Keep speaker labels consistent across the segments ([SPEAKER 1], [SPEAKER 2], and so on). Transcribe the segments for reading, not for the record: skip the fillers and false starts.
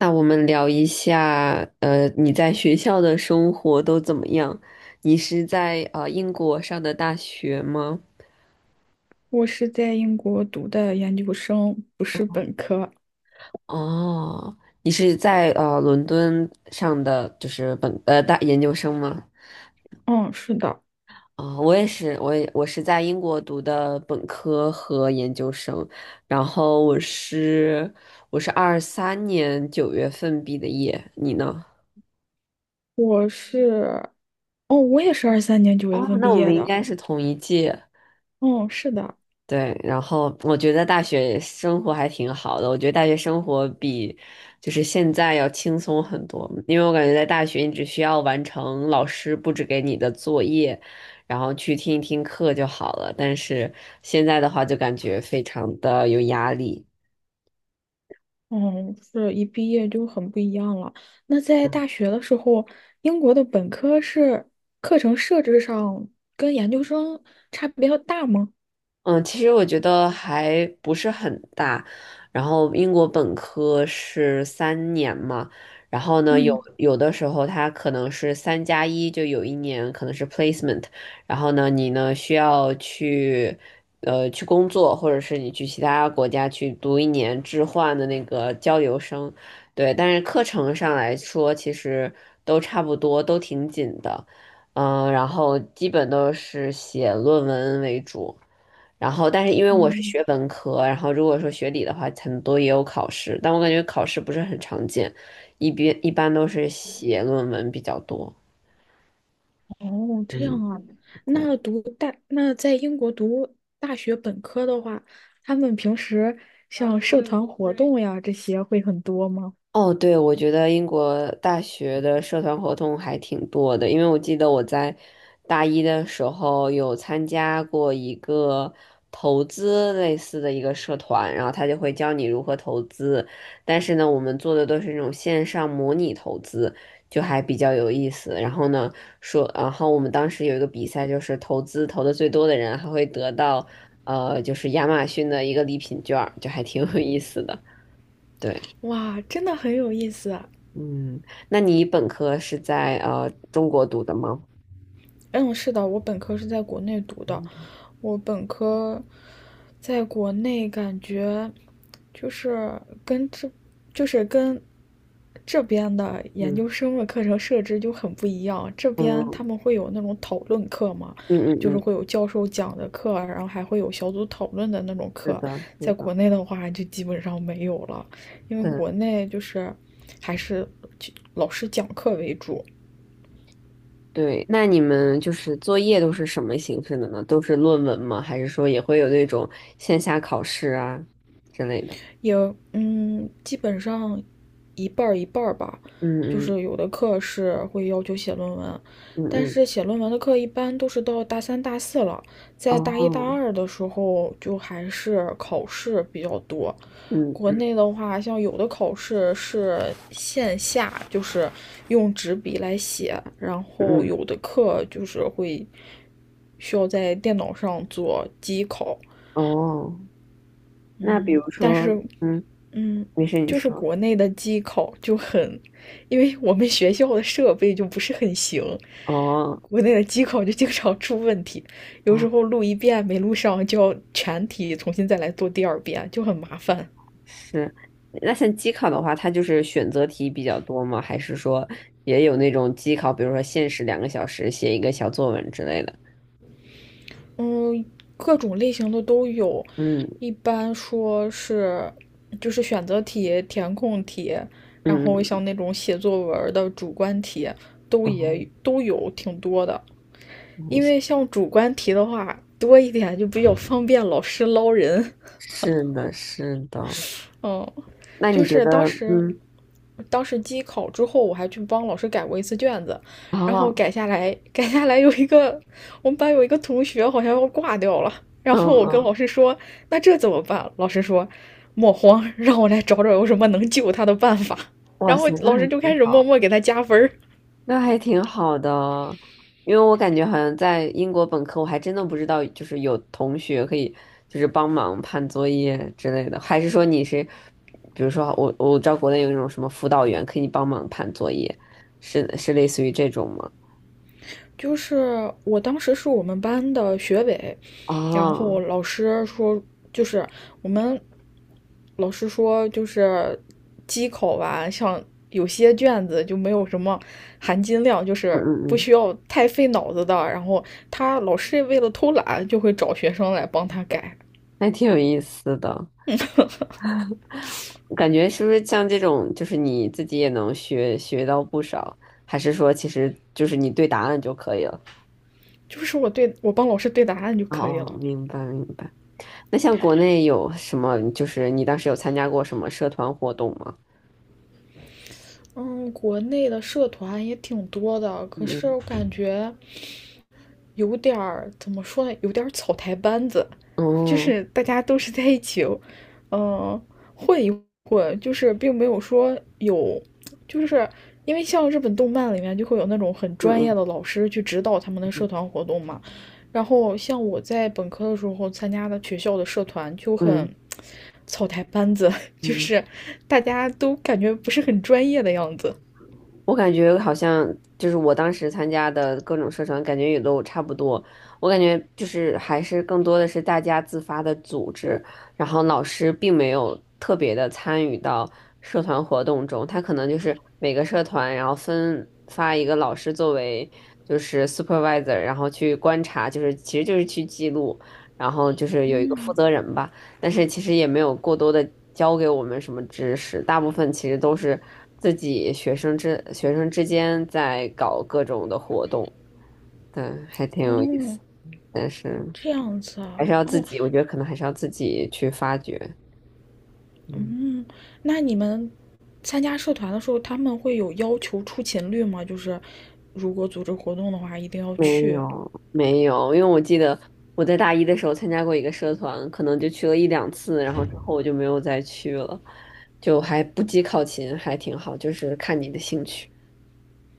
[SPEAKER 1] 那我们聊一下，你在学校的生活都怎么样？你是在英国上的大学吗？
[SPEAKER 2] 我是在英国读的研究生，不是本科。
[SPEAKER 1] 哦，你是在伦敦上的就是研究生吗？
[SPEAKER 2] 嗯，是的，
[SPEAKER 1] 啊、我也是，我是在英国读的本科和研究生，然后我是23年9月份毕的业，你呢？
[SPEAKER 2] 我是，哦，我也是二三年九月
[SPEAKER 1] 哦，
[SPEAKER 2] 份
[SPEAKER 1] 那
[SPEAKER 2] 毕
[SPEAKER 1] 我们
[SPEAKER 2] 业
[SPEAKER 1] 应
[SPEAKER 2] 的。
[SPEAKER 1] 该是同一届。
[SPEAKER 2] 嗯，是的，
[SPEAKER 1] 对，然后我觉得大学生活还挺好的，我觉得大学生活比就是现在要轻松很多，因为我感觉在大学你只需要完成老师布置给你的作业，然后去听一听课就好了，但是现在的话就感觉非常的有压力。
[SPEAKER 2] 嗯，是一毕业就很不一样了。那在大学的时候，英国的本科是课程设置上跟研究生差别要大吗？
[SPEAKER 1] 嗯，其实我觉得还不是很大。然后英国本科是三年嘛，然后呢，有
[SPEAKER 2] 嗯
[SPEAKER 1] 有的时候它可能是3+1，就有一年可能是 placement,然后呢，你呢需要去工作，或者是你去其他国家去读一年置换的那个交流生，对。但是课程上来说，其实都差不多，都挺紧的，嗯，然后基本都是写论文为主。然后，但是因为我是
[SPEAKER 2] 嗯。
[SPEAKER 1] 学文科，然后如果说学理的话，很多也有考试，但我感觉考试不是很常见，一般都是写论文比较多。
[SPEAKER 2] 哦，这
[SPEAKER 1] 嗯，
[SPEAKER 2] 样啊。
[SPEAKER 1] 对。
[SPEAKER 2] 那在英国读大学本科的话，他们平时像社团活动呀这些会很多吗？
[SPEAKER 1] 哦，对，我觉得英国大学的社团活动还挺多的，因为我记得我在大一的时候有参加过一个投资类似的一个社团，然后他就会教你如何投资，但是呢，我们做的都是那种线上模拟投资，就还比较有意思。然后呢，然后我们当时有一个比赛，就是投资投的最多的人还会得到，呃，就是亚马逊的一个礼品券儿，就还挺有意思的。对。
[SPEAKER 2] 哇，真的很有意思。
[SPEAKER 1] 嗯，那你本科是在中国读的吗？
[SPEAKER 2] 嗯，是的，我本科是在国内读的，
[SPEAKER 1] 嗯
[SPEAKER 2] 我本科在国内感觉就是跟这，就是跟这边的研究
[SPEAKER 1] 嗯
[SPEAKER 2] 生的课程设置就很不一样。这边他
[SPEAKER 1] 嗯
[SPEAKER 2] 们会有那种讨论课嘛，
[SPEAKER 1] 嗯嗯
[SPEAKER 2] 就是
[SPEAKER 1] 嗯，
[SPEAKER 2] 会有教授讲的课啊，然后还会有小组讨论的那种
[SPEAKER 1] 是
[SPEAKER 2] 课。
[SPEAKER 1] 的，是
[SPEAKER 2] 在
[SPEAKER 1] 的，
[SPEAKER 2] 国内的话，就基本上没有了，因为国
[SPEAKER 1] 对
[SPEAKER 2] 内就是还是老师讲课为主。
[SPEAKER 1] 对。那你们就是作业都是什么形式的呢？都是论文吗？还是说也会有那种线下考试啊之类的？
[SPEAKER 2] 也基本上一半儿一半儿吧，
[SPEAKER 1] 嗯
[SPEAKER 2] 就
[SPEAKER 1] 嗯
[SPEAKER 2] 是有的课是会要求写论文，
[SPEAKER 1] 嗯
[SPEAKER 2] 但
[SPEAKER 1] 嗯，
[SPEAKER 2] 是写论文的课一般都是到大三、大四了，在大一大
[SPEAKER 1] 哦，
[SPEAKER 2] 二的时候就还是考试比较多。国
[SPEAKER 1] 嗯
[SPEAKER 2] 内的话，像有的考试是线下，就是用纸笔来写，然后
[SPEAKER 1] 嗯
[SPEAKER 2] 有的课就是会需要在电脑上做机考。
[SPEAKER 1] 嗯，哦，那比
[SPEAKER 2] 嗯，
[SPEAKER 1] 如
[SPEAKER 2] 但
[SPEAKER 1] 说，
[SPEAKER 2] 是
[SPEAKER 1] 嗯，
[SPEAKER 2] 嗯，
[SPEAKER 1] 没事，你
[SPEAKER 2] 就是
[SPEAKER 1] 说，
[SPEAKER 2] 国内的机考就很，因为我们学校的设备就不是很行，
[SPEAKER 1] 哦。
[SPEAKER 2] 国内的机考就经常出问题，有时
[SPEAKER 1] 哦。
[SPEAKER 2] 候录一遍没录上，就要全题重新再来做第二遍，就很麻烦。
[SPEAKER 1] 是，那像机考的话，它就是选择题比较多吗？还是说也有那种机考，比如说限时2个小时写一个小作文之类的？
[SPEAKER 2] 嗯，各种类型的都有，
[SPEAKER 1] 嗯
[SPEAKER 2] 一般说是就是选择题、填空题，然后
[SPEAKER 1] 嗯
[SPEAKER 2] 像那种写作文的主观题都
[SPEAKER 1] 哦，
[SPEAKER 2] 也都有挺多的。因为
[SPEAKER 1] 嗯
[SPEAKER 2] 像主观题的话多一点就比较方便老师捞人。
[SPEAKER 1] 是的，是的。
[SPEAKER 2] 嗯，
[SPEAKER 1] 那你
[SPEAKER 2] 就
[SPEAKER 1] 觉
[SPEAKER 2] 是当
[SPEAKER 1] 得，
[SPEAKER 2] 时，
[SPEAKER 1] 嗯，
[SPEAKER 2] 当时机考之后，我还去帮老师改过一次卷子，然后
[SPEAKER 1] 哦，
[SPEAKER 2] 改下来有一个我们班有一个同学好像要挂掉了，然
[SPEAKER 1] 嗯
[SPEAKER 2] 后我跟老
[SPEAKER 1] 嗯，
[SPEAKER 2] 师说，那这怎么办？老师说，莫慌，让我来找找有什么能救他的办法。
[SPEAKER 1] 哇
[SPEAKER 2] 然后
[SPEAKER 1] 塞，那
[SPEAKER 2] 老
[SPEAKER 1] 还
[SPEAKER 2] 师就
[SPEAKER 1] 挺
[SPEAKER 2] 开始默默给他加分儿。
[SPEAKER 1] 那还挺好的，因为我感觉好像在英国本科，我还真的不知道，就是有同学可以就是帮忙判作业之类的，还是说你是，比如说我知道国内有那种什么辅导员可以帮忙判作业，是是类似于这种吗？
[SPEAKER 2] 就是我当时是我们班的学委，然后
[SPEAKER 1] 哦，
[SPEAKER 2] 老师说，就是我们老师说，就是机考吧，像有些卷子就没有什么含金量，就
[SPEAKER 1] 嗯
[SPEAKER 2] 是
[SPEAKER 1] 嗯
[SPEAKER 2] 不
[SPEAKER 1] 嗯，
[SPEAKER 2] 需要太费脑子的。然后他老师为了偷懒，就会找学生来帮他改，
[SPEAKER 1] 还挺有意思的，感觉是不是像这种，就是你自己也能学到不少，还是说其实就是你对答案就可以了？
[SPEAKER 2] 就是我帮老师对答案就可以
[SPEAKER 1] 哦，
[SPEAKER 2] 了。
[SPEAKER 1] 明白明白。那像国内有什么？就是你当时有参加过什么社团活动吗？
[SPEAKER 2] 嗯，国内的社团也挺多的，可是
[SPEAKER 1] 嗯，
[SPEAKER 2] 我感觉有点儿怎么说呢，有点草台班子，就
[SPEAKER 1] 哦，
[SPEAKER 2] 是大家都是在一起，呃混一混，就是并没有说有，就是因为像日本动漫里面就会有那种很
[SPEAKER 1] 嗯
[SPEAKER 2] 专业
[SPEAKER 1] 嗯
[SPEAKER 2] 的老师去指导他们的社
[SPEAKER 1] 嗯
[SPEAKER 2] 团活动嘛，然后像我在本科的时候参加的学校的社团就很
[SPEAKER 1] 嗯
[SPEAKER 2] 草台班子，就
[SPEAKER 1] 嗯。
[SPEAKER 2] 是大家都感觉不是很专业的样子。
[SPEAKER 1] 我感觉好像就是我当时参加的各种社团，感觉也都差不多。我感觉就是还是更多的是大家自发的组织，然后老师并没有特别的参与到社团活动中，他可能就是每个社团然后分发一个老师作为就是 supervisor,然后去观察，就是其实就是去记录，然后就是有一个负
[SPEAKER 2] 嗯，
[SPEAKER 1] 责人吧。但是其实也没有过多的教给我们什么知识，大部分其实都是自己学生之间在搞各种的活动，对，还挺有意
[SPEAKER 2] 哦，
[SPEAKER 1] 思，但是
[SPEAKER 2] 这样子
[SPEAKER 1] 还
[SPEAKER 2] 啊，
[SPEAKER 1] 是要自
[SPEAKER 2] 哦，
[SPEAKER 1] 己，我觉得可能还是要自己去发掘，嗯，
[SPEAKER 2] 嗯，那你们参加社团的时候，他们会有要求出勤率吗？就是如果组织活动的话，一定要
[SPEAKER 1] 没
[SPEAKER 2] 去。
[SPEAKER 1] 有没有，因为我记得我在大一的时候参加过一个社团，可能就去了一两次，然后之后我就没有再去了，就还不计考勤，还挺好，就是看你的兴趣，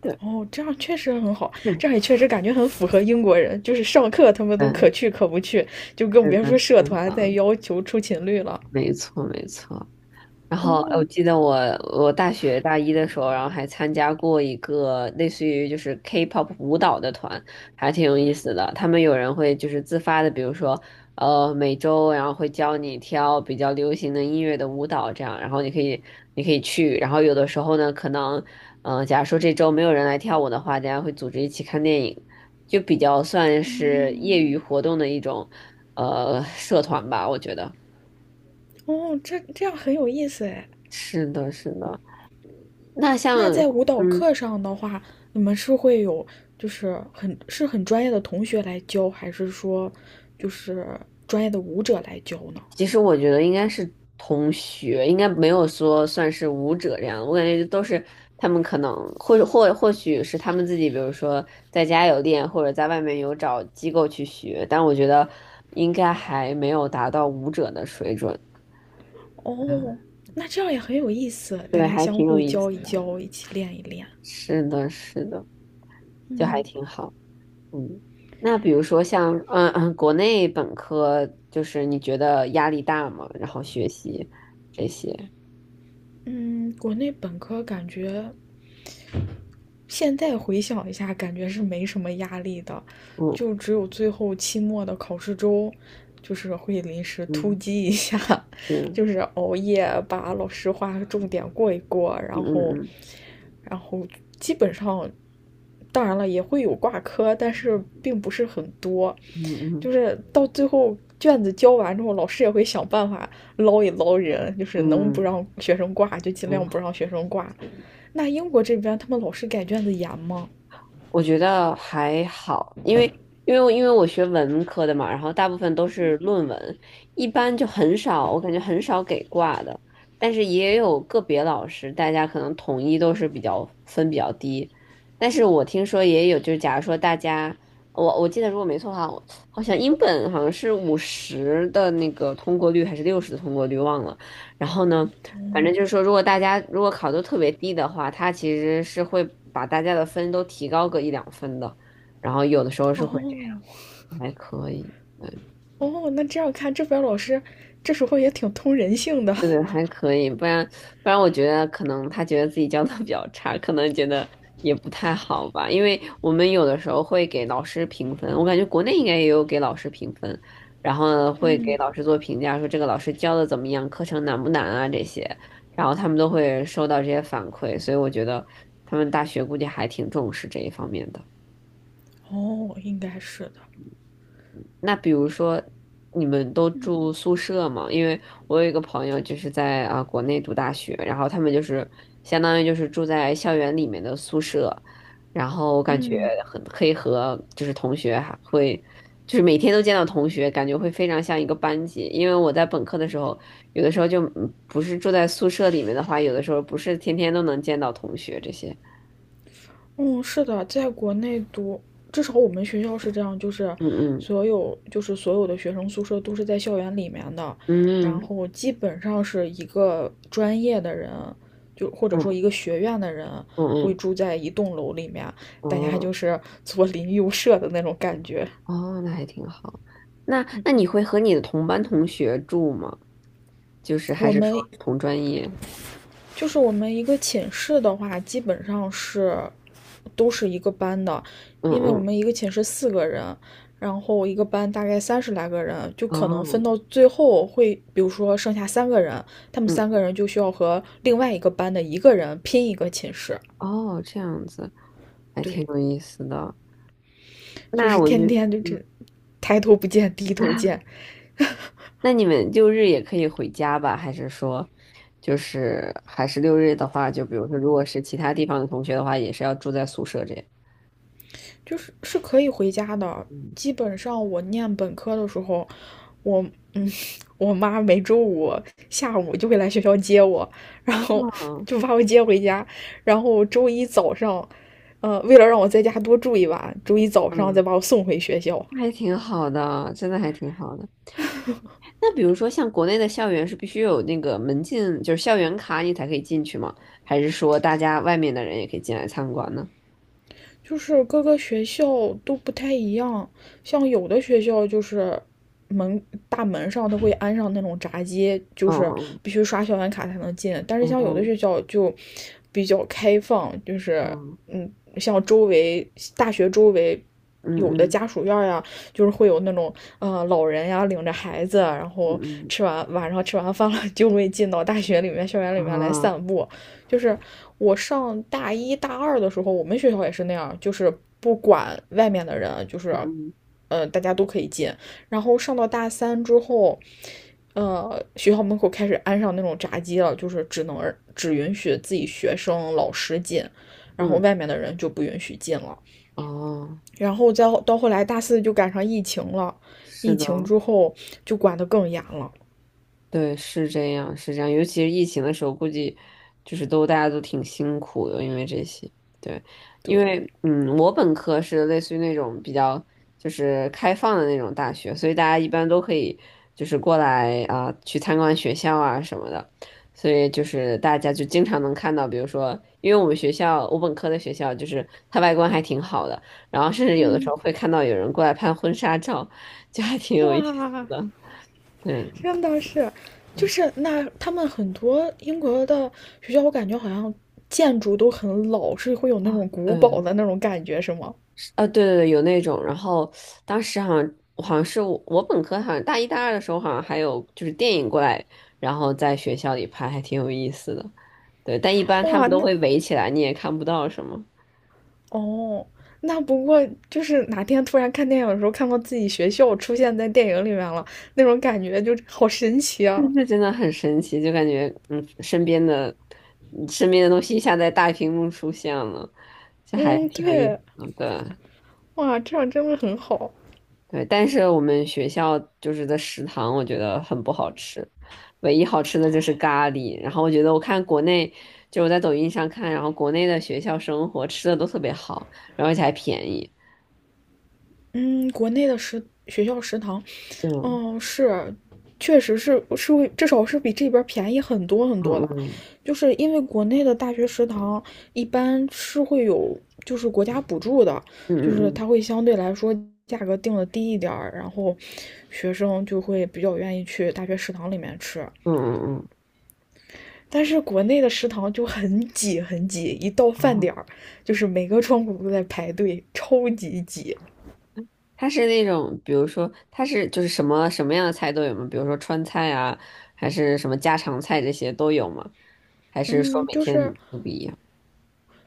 [SPEAKER 1] 对，
[SPEAKER 2] 哦，这样确实很好，这样也 确实感觉很符合英国人，就是上课他们
[SPEAKER 1] 嗯，
[SPEAKER 2] 都可
[SPEAKER 1] 嗯
[SPEAKER 2] 去可不去，就更
[SPEAKER 1] 是
[SPEAKER 2] 别
[SPEAKER 1] 的，
[SPEAKER 2] 说
[SPEAKER 1] 是
[SPEAKER 2] 社团再
[SPEAKER 1] 的。
[SPEAKER 2] 要求出勤率了。
[SPEAKER 1] 没错，没错。然后我
[SPEAKER 2] 哦，
[SPEAKER 1] 记得我大学大一的时候，然后还参加过一个类似于就是 K-pop 舞蹈的团，还挺有意思的。他们有人会就是自发的，比如说每周，然后会教你跳比较流行的音乐的舞蹈，这样，然后你可以去。然后有的时候呢，可能假如说这周没有人来跳舞的话，大家会组织一起看电影，就比较算是业
[SPEAKER 2] 嗯，
[SPEAKER 1] 余活动的一种社团吧，我觉得。
[SPEAKER 2] 哦，这样很有意思哎。
[SPEAKER 1] 是的，是的。那像，
[SPEAKER 2] 那在舞蹈
[SPEAKER 1] 嗯，
[SPEAKER 2] 课上的话，你们是会有就是很专业的同学来教，还是说就是专业的舞者来教呢？
[SPEAKER 1] 其实我觉得应该是同学，应该没有说算是舞者这样我感觉都是他们可能或许是他们自己，比如说在家有练，或者在外面有找机构去学。但我觉得应该还没有达到舞者的水准。嗯，
[SPEAKER 2] 哦，那这样也很有意思，大
[SPEAKER 1] 对，
[SPEAKER 2] 家
[SPEAKER 1] 还
[SPEAKER 2] 相
[SPEAKER 1] 挺有
[SPEAKER 2] 互
[SPEAKER 1] 意思。
[SPEAKER 2] 教一教，一起练一练。
[SPEAKER 1] 是的，是的，就还
[SPEAKER 2] 嗯
[SPEAKER 1] 挺好。嗯，那比如说像嗯嗯，国内本科就是你觉得压力大吗？然后学习这些，
[SPEAKER 2] 嗯，国内本科感觉现在回想一下，感觉是没什么压力的，
[SPEAKER 1] 嗯
[SPEAKER 2] 就只有最后期末的考试周，就是会临时突
[SPEAKER 1] 嗯
[SPEAKER 2] 击一下，
[SPEAKER 1] 是，
[SPEAKER 2] 就是熬夜把老师画的重点过一过，
[SPEAKER 1] 嗯
[SPEAKER 2] 然后，
[SPEAKER 1] 嗯
[SPEAKER 2] 然后基本上，当然了也会有挂科，但是并不是很多，
[SPEAKER 1] 嗯嗯
[SPEAKER 2] 就是到最后卷子交完之后，老师也会想办法捞一捞人，就
[SPEAKER 1] 嗯
[SPEAKER 2] 是能不
[SPEAKER 1] 嗯
[SPEAKER 2] 让学生挂就尽
[SPEAKER 1] 嗯，
[SPEAKER 2] 量不让学生挂，那英国这边他们老师改卷子严吗？
[SPEAKER 1] 我觉得还好，因为我学文科的嘛，然后大部分都是论文，一般就很少，我感觉很少给挂的，但是也有个别老师，大家可能统一都是比较分比较低，但是我听说也有，就是假如说大家，我记得如果没错的话，我好像英本好像是50的那个通过率还是60的通过率，忘了。然后呢，反正就是说，如果大家如果考得特别低的话，它其实是会把大家的分都提高个一两分的，然后有的时候是会这
[SPEAKER 2] 哦
[SPEAKER 1] 样，还可以。
[SPEAKER 2] 哦，那这样看，这边老师这时候也挺通人性的。
[SPEAKER 1] 对对，还可以，不然，我觉得可能他觉得自己教的比较差，可能觉得也不太好吧。因为我们有的时候会给老师评分，我感觉国内应该也有给老师评分，然后呢会给老师做评价，说这个老师教的怎么样，课程难不难啊这些，然后他们都会收到这些反馈，所以我觉得他们大学估计还挺重视这一方面的。
[SPEAKER 2] 哦，应该是的。
[SPEAKER 1] 那比如说，你们都住宿舍吗？因为我有一个朋友就是在国内读大学，然后他们就是相当于就是住在校园里面的宿舍，然后感觉
[SPEAKER 2] 嗯
[SPEAKER 1] 很可以和就是同学还会就是每天都见到同学，感觉会非常像一个班级。因为我在本科的时候，有的时候就不是住在宿舍里面的话，有的时候不是天天都能见到同学这些。
[SPEAKER 2] 嗯，是的，在国内读，至少我们学校是这样，就是
[SPEAKER 1] 嗯
[SPEAKER 2] 所有的学生宿舍都是在校园里面的，
[SPEAKER 1] 嗯
[SPEAKER 2] 然
[SPEAKER 1] 嗯
[SPEAKER 2] 后基本上是一个专业的人，就或者说
[SPEAKER 1] 嗯
[SPEAKER 2] 一个学院的人
[SPEAKER 1] 嗯嗯
[SPEAKER 2] 会
[SPEAKER 1] 嗯，
[SPEAKER 2] 住在一栋楼里面，大家就
[SPEAKER 1] 哦。
[SPEAKER 2] 是左邻右舍的那种感觉。
[SPEAKER 1] 哦，那还挺好。那
[SPEAKER 2] 嗯，
[SPEAKER 1] 那你会和你的同班同学住吗？就是还
[SPEAKER 2] 我
[SPEAKER 1] 是说
[SPEAKER 2] 们
[SPEAKER 1] 同专业？
[SPEAKER 2] 我们一个寝室的话，基本上都是一个班的，
[SPEAKER 1] 嗯
[SPEAKER 2] 因为我
[SPEAKER 1] 嗯，
[SPEAKER 2] 们一个寝室四个人，然后一个班大概30来个人，就可能分
[SPEAKER 1] 哦，
[SPEAKER 2] 到最后会，比如说剩下三个人，他们
[SPEAKER 1] 嗯
[SPEAKER 2] 三个人就需要和另外一个班的一个人拼一个寝室。
[SPEAKER 1] 哦，这样子还挺
[SPEAKER 2] 对，
[SPEAKER 1] 有意思的。
[SPEAKER 2] 就
[SPEAKER 1] 那
[SPEAKER 2] 是
[SPEAKER 1] 我
[SPEAKER 2] 天
[SPEAKER 1] 就，
[SPEAKER 2] 天就这抬头不见低头见，
[SPEAKER 1] 那你们六日也可以回家吧？还是说，就是还是六日的话，就比如说，如果是其他地方的同学的话，也是要住在宿舍这样。
[SPEAKER 2] 就是是可以回家的。
[SPEAKER 1] 嗯，
[SPEAKER 2] 基本上我念本科的时候，我嗯，我妈每周五下午就会来学校接我，然后
[SPEAKER 1] 哦，
[SPEAKER 2] 就把我接回家，然后周一早上，为了让我在家多住一晚，周一早上再
[SPEAKER 1] 嗯，
[SPEAKER 2] 把我送回学校。
[SPEAKER 1] 那还挺好的，真的还挺好的。那比如说，像国内的校园是必须有那个门禁，就是校园卡你才可以进去吗？还是说大家外面的人也可以进来参观呢？
[SPEAKER 2] 就是各个学校都不太一样，像有的学校就是门大门上都会安上那种闸机，就是
[SPEAKER 1] 嗯
[SPEAKER 2] 必须刷校园卡才能进，但是像有的
[SPEAKER 1] 嗯
[SPEAKER 2] 学校就比较开放，就是
[SPEAKER 1] 嗯
[SPEAKER 2] 嗯，像周围大学周围。
[SPEAKER 1] 嗯
[SPEAKER 2] 有的
[SPEAKER 1] 嗯
[SPEAKER 2] 家属院呀，就是会有那种老人呀领着孩子，然
[SPEAKER 1] 嗯
[SPEAKER 2] 后
[SPEAKER 1] 嗯嗯
[SPEAKER 2] 晚上吃完饭了 就会进到大学里面校园里
[SPEAKER 1] 嗯
[SPEAKER 2] 面来
[SPEAKER 1] 啊
[SPEAKER 2] 散步，就是我上大一大二的时候，我们学校也是那样，就是不管外面的人，就是，
[SPEAKER 1] 嗯
[SPEAKER 2] 大家都可以进。然后上到大三之后，学校门口开始安上那种闸机了，就是只允许自己学生、老师进，然
[SPEAKER 1] 嗯
[SPEAKER 2] 后
[SPEAKER 1] 嗯
[SPEAKER 2] 外面的人就不允许进了。
[SPEAKER 1] 哦，
[SPEAKER 2] 然后再到后来大四就赶上疫情了，
[SPEAKER 1] 是
[SPEAKER 2] 疫
[SPEAKER 1] 的，
[SPEAKER 2] 情之后就管得更严了。
[SPEAKER 1] 对，是这样，是这样。尤其是疫情的时候，估计就是都大家都挺辛苦的，因为这些。对，因
[SPEAKER 2] 对，
[SPEAKER 1] 为我本科是类似于那种比较就是开放的那种大学，所以大家一般都可以就是过来啊、去参观学校啊什么的。所以就是大家就经常能看到，比如说，因为我们学校，我本科的学校就是它外观还挺好的，然后甚至有的时
[SPEAKER 2] 嗯，
[SPEAKER 1] 候会看到有人过来拍婚纱照，就还挺有意思
[SPEAKER 2] 哇，
[SPEAKER 1] 的。对。
[SPEAKER 2] 真的是，就
[SPEAKER 1] 嗯
[SPEAKER 2] 是那他们很多英国的学校，我感觉好像建筑都很老，是会有那
[SPEAKER 1] 啊，
[SPEAKER 2] 种古堡
[SPEAKER 1] 嗯。
[SPEAKER 2] 的那种感觉，是吗？
[SPEAKER 1] 对对对，有那种。然后当时好像是我本科好像大一大二的时候，好像还有就是电影过来，然后在学校里拍，还挺有意思的。对，但一般他
[SPEAKER 2] 哇，
[SPEAKER 1] 们都会围起来，你也看不到什么。
[SPEAKER 2] 哦，那不过就是哪天突然看电影的时候，看到自己学校出现在电影里面了，那种感觉就好神奇
[SPEAKER 1] 但
[SPEAKER 2] 啊！
[SPEAKER 1] 是真的很神奇，就感觉身边的东西一下在大屏幕出现了，这还
[SPEAKER 2] 嗯，
[SPEAKER 1] 挺有意思
[SPEAKER 2] 对，
[SPEAKER 1] 的。对
[SPEAKER 2] 哇，这样真的很好。
[SPEAKER 1] 对，但是我们学校就是的食堂，我觉得很不好吃，唯一好吃的就是咖喱。然后我觉得我看国内，就我在抖音上看，然后国内的学校生活吃的都特别好，然后而且还便宜。
[SPEAKER 2] 嗯，国内的学校食堂
[SPEAKER 1] 对，嗯
[SPEAKER 2] 是，确实是会，至少是比这边便宜很多很多的，
[SPEAKER 1] 嗯
[SPEAKER 2] 就是因为国内的大学食堂一般是会有就是国家补助的，
[SPEAKER 1] 嗯
[SPEAKER 2] 就是
[SPEAKER 1] 嗯
[SPEAKER 2] 它会相对来说价格定的低一点儿，然后学生就会比较愿意去大学食堂里面吃。
[SPEAKER 1] 嗯嗯嗯
[SPEAKER 2] 但是国内的食堂就很挤很挤，一到饭
[SPEAKER 1] 嗯，
[SPEAKER 2] 点儿，就是每个窗口都在排队，超级挤。
[SPEAKER 1] 它是那种，比如说它是就是什么什么样的菜都有吗？比如说川菜啊，还是什么家常菜这些都有吗？还是说
[SPEAKER 2] 嗯，
[SPEAKER 1] 每
[SPEAKER 2] 就是
[SPEAKER 1] 天都不一样？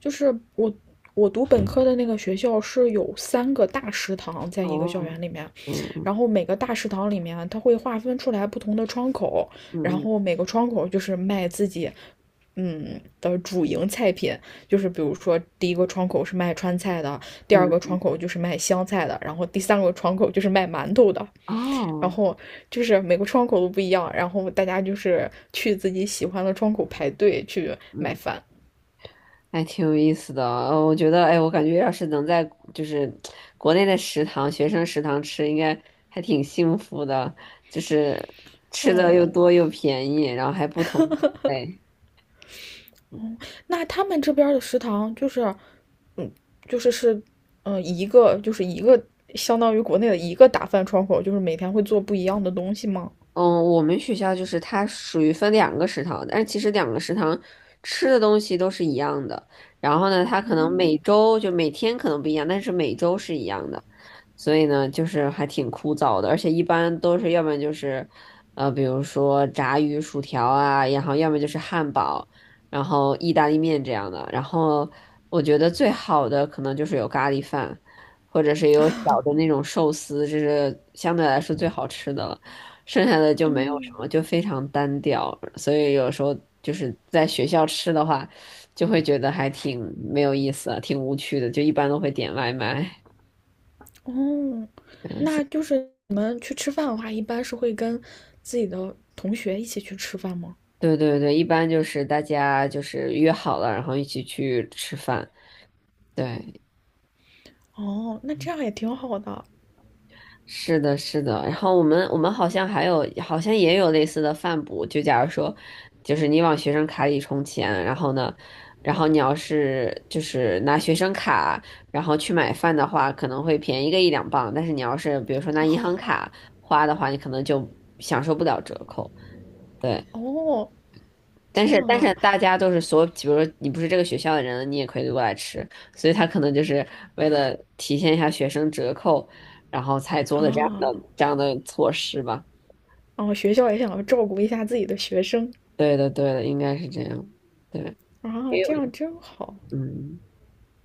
[SPEAKER 2] 就是我读本科的那个学校是有三个大食堂在一个校
[SPEAKER 1] 哦，
[SPEAKER 2] 园里面，
[SPEAKER 1] 嗯嗯
[SPEAKER 2] 然后每个大食堂里面它会划分出来不同的窗口，然
[SPEAKER 1] 嗯
[SPEAKER 2] 后每个窗口就是卖自己的主营菜品，就是比如说第一个窗口是卖川菜的，第二
[SPEAKER 1] 嗯
[SPEAKER 2] 个窗口就是卖湘菜的，然后第三个窗口就是卖馒头的，
[SPEAKER 1] 嗯，
[SPEAKER 2] 然
[SPEAKER 1] 哦。
[SPEAKER 2] 后就是每个窗口都不一样，然后大家就是去自己喜欢的窗口排队去买
[SPEAKER 1] 嗯，
[SPEAKER 2] 饭。
[SPEAKER 1] 还挺有意思的哦，我觉得，哎，我感觉要是能在就是国内的食堂、学生食堂吃，应该还挺幸福的，就是吃的又
[SPEAKER 2] 嗯，
[SPEAKER 1] 多又便宜，然后还不同口味。
[SPEAKER 2] 那他们这边的食堂就是是，一个相当于国内的一个打饭窗口，就是每天会做不一样的东西吗？
[SPEAKER 1] 嗯，我们学校就是它属于分两个食堂，但是其实两个食堂吃的东西都是一样的。然后呢，它可能每周就每天可能不一样，但是每周是一样的。所以呢，就是还挺枯燥的，而且一般都是要不然就是，比如说炸鱼薯条啊，然后要么就是汉堡，然后意大利面这样的。然后我觉得最好的可能就是有咖喱饭，或者是有小的那种寿司，这是相对来说最好吃的了。剩下的就没有什么，就非常单调，所以有时候就是在学校吃的话，就会觉得还挺没有意思啊，挺无趣的，就一般都会点外卖。
[SPEAKER 2] 哦，
[SPEAKER 1] 嗯，
[SPEAKER 2] 那就是你们去吃饭的话，一般是会跟自己的同学一起去吃饭吗？
[SPEAKER 1] 对对对，一般就是大家就是约好了，然后一起去吃饭。对，
[SPEAKER 2] 哦，那这样也挺好的。
[SPEAKER 1] 是的，是的。然后我们好像还有，好像也有类似的饭补。就假如说，就是你往学生卡里充钱，然后呢，然后你要是就是拿学生卡，然后去买饭的话，可能会便宜个一两磅。但是你要是比如说拿银行卡花的话，你可能就享受不了折扣。对。
[SPEAKER 2] 哦，
[SPEAKER 1] 但
[SPEAKER 2] 这样
[SPEAKER 1] 是但是
[SPEAKER 2] 啊，
[SPEAKER 1] 大家都是比如说你不是这个学校的人，你也可以过来吃，所以他可能就是为了体现一下学生折扣，然后才做的这样的
[SPEAKER 2] 啊，
[SPEAKER 1] 这样的措施吧。
[SPEAKER 2] 哦，学校也想要照顾一下自己的学生
[SPEAKER 1] 对的，对的，应该是这样。对，
[SPEAKER 2] 啊，
[SPEAKER 1] 因
[SPEAKER 2] 这
[SPEAKER 1] 为
[SPEAKER 2] 样真好。
[SPEAKER 1] 嗯。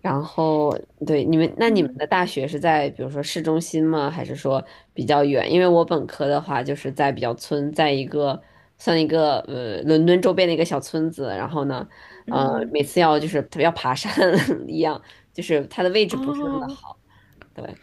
[SPEAKER 1] 然后，对，那你们
[SPEAKER 2] 嗯
[SPEAKER 1] 的大学是在比如说市中心吗？还是说比较远？因为我本科的话就是在比较村，在一个算一个呃伦敦周边的一个小村子。然后呢，
[SPEAKER 2] 嗯，
[SPEAKER 1] 每次要就是要爬山 一样，就是它的位置不是那么的
[SPEAKER 2] 啊。
[SPEAKER 1] 好。对，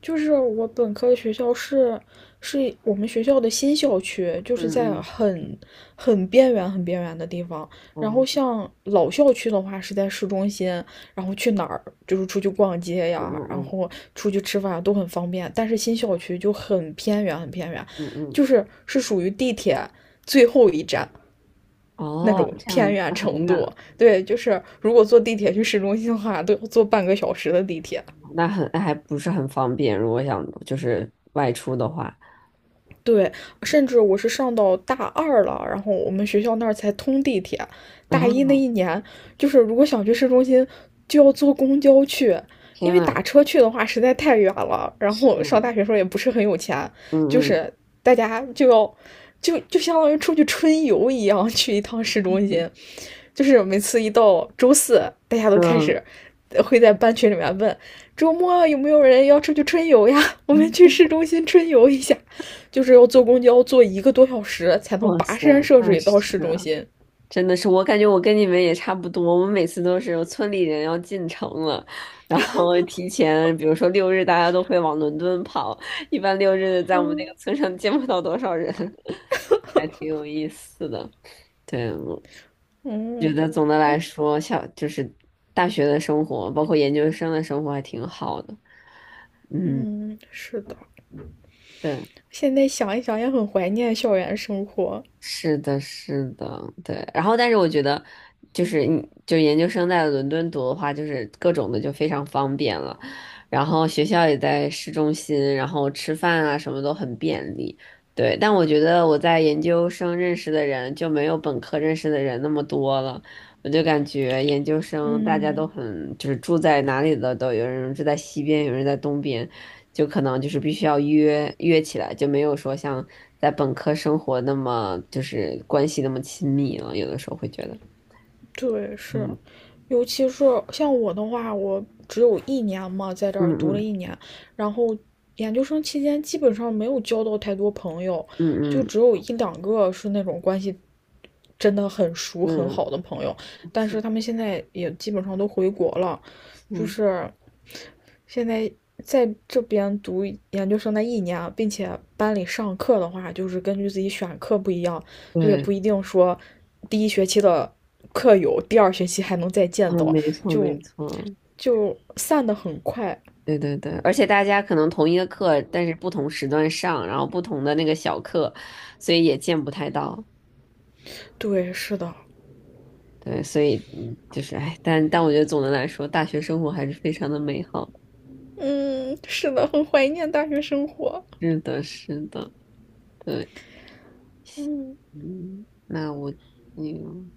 [SPEAKER 2] 就是我本科学校是我们学校的新校区，就是
[SPEAKER 1] 嗯
[SPEAKER 2] 在
[SPEAKER 1] 嗯
[SPEAKER 2] 很边缘、很边缘的地方。然后
[SPEAKER 1] 嗯
[SPEAKER 2] 像老校区的话是在市中心，然后去哪儿就是出去逛街
[SPEAKER 1] 嗯
[SPEAKER 2] 呀，
[SPEAKER 1] 嗯
[SPEAKER 2] 然
[SPEAKER 1] 嗯
[SPEAKER 2] 后出去吃饭都很方便。但是新校区就很偏远、很偏远，
[SPEAKER 1] 嗯嗯，
[SPEAKER 2] 就是是属于地铁最后一站。那
[SPEAKER 1] 哦，
[SPEAKER 2] 种
[SPEAKER 1] 这样
[SPEAKER 2] 偏远
[SPEAKER 1] 那很
[SPEAKER 2] 程度，
[SPEAKER 1] 远，
[SPEAKER 2] 对，就是如果坐地铁去市中心的话，都要坐半个小时的地铁。
[SPEAKER 1] 那还不是很方便。如果想就是外出的话，
[SPEAKER 2] 对，甚至我是上到大二了，然后我们学校那儿才通地铁。
[SPEAKER 1] 然
[SPEAKER 2] 大一
[SPEAKER 1] 后
[SPEAKER 2] 那一年，就是如果想去市中心，就要坐公交去，因
[SPEAKER 1] 天
[SPEAKER 2] 为打
[SPEAKER 1] 呐，
[SPEAKER 2] 车去的话实在太远了。然
[SPEAKER 1] 是
[SPEAKER 2] 后上大
[SPEAKER 1] 啊，
[SPEAKER 2] 学时候也不是很有钱，就
[SPEAKER 1] 嗯嗯
[SPEAKER 2] 是大家就要就相当于出去春游一样去一趟市中心。就是每次一到周四，大家都开始
[SPEAKER 1] 嗯。
[SPEAKER 2] 会在班群里面问：周末有没有人要出去春游呀？我们去市中心春游一下。就是要坐公交坐一个多小时才能
[SPEAKER 1] 哇
[SPEAKER 2] 跋
[SPEAKER 1] 塞，
[SPEAKER 2] 山涉
[SPEAKER 1] 那
[SPEAKER 2] 水到
[SPEAKER 1] 是
[SPEAKER 2] 市中心。
[SPEAKER 1] 真的是，我感觉我跟你们也差不多。我们每次都是有村里人要进城了，然后提前，比如说六日，大家都会往伦敦跑。一般六日在我们那个村上见不到多少人，还挺有意思的。对，我觉
[SPEAKER 2] 嗯
[SPEAKER 1] 得总的来说，就是大学的生活，包括研究生的生活还挺好的。嗯，
[SPEAKER 2] 嗯，是的，
[SPEAKER 1] 对。
[SPEAKER 2] 现在想一想也很怀念校园生活。
[SPEAKER 1] 是的，是的，对。然后，但是我觉得，就是你就研究生在伦敦读的话，就是各种的就非常方便了，然后学校也在市中心，然后吃饭啊什么都很便利。对，但我觉得我在研究生认识的人就没有本科认识的人那么多了，我就感觉研究生大家都
[SPEAKER 2] 嗯，
[SPEAKER 1] 很，就是住在哪里的都有人住在西边，有人在东边，就可能就是必须要约约起来，就没有说像在本科生活那么就是关系那么亲密了。有的时候会觉得，
[SPEAKER 2] 对，是，
[SPEAKER 1] 嗯
[SPEAKER 2] 尤其是像我的话，我只有一年嘛，在这
[SPEAKER 1] 嗯
[SPEAKER 2] 儿读了
[SPEAKER 1] 嗯
[SPEAKER 2] 一年，然后研究生期间基本上没有交到太多朋友，就
[SPEAKER 1] 嗯
[SPEAKER 2] 只有一两个是那种关系真的很熟很
[SPEAKER 1] 嗯
[SPEAKER 2] 好的朋友，
[SPEAKER 1] 嗯，
[SPEAKER 2] 但
[SPEAKER 1] 是
[SPEAKER 2] 是他们现在也基本上都回国了，就
[SPEAKER 1] 是，
[SPEAKER 2] 是现在在这边读研究生的一年，并且班里上课的话，就是根据自己选课不一样，就也
[SPEAKER 1] 对，
[SPEAKER 2] 不一定说第一学期的课友，第二学期还能再见
[SPEAKER 1] 嗯，
[SPEAKER 2] 到，
[SPEAKER 1] 没错没
[SPEAKER 2] 就
[SPEAKER 1] 错，
[SPEAKER 2] 就散的很快。
[SPEAKER 1] 对对对，而且大家可能同一个课，但是不同时段上，然后不同的那个小课，所以也见不太到。
[SPEAKER 2] 对，是的，
[SPEAKER 1] 对，所以就是哎，但我觉得总的来说，大学生活还是非常的美好的。
[SPEAKER 2] 嗯，是的，很怀念大学生活。
[SPEAKER 1] 是的，是的，对。嗯，那我，嗯，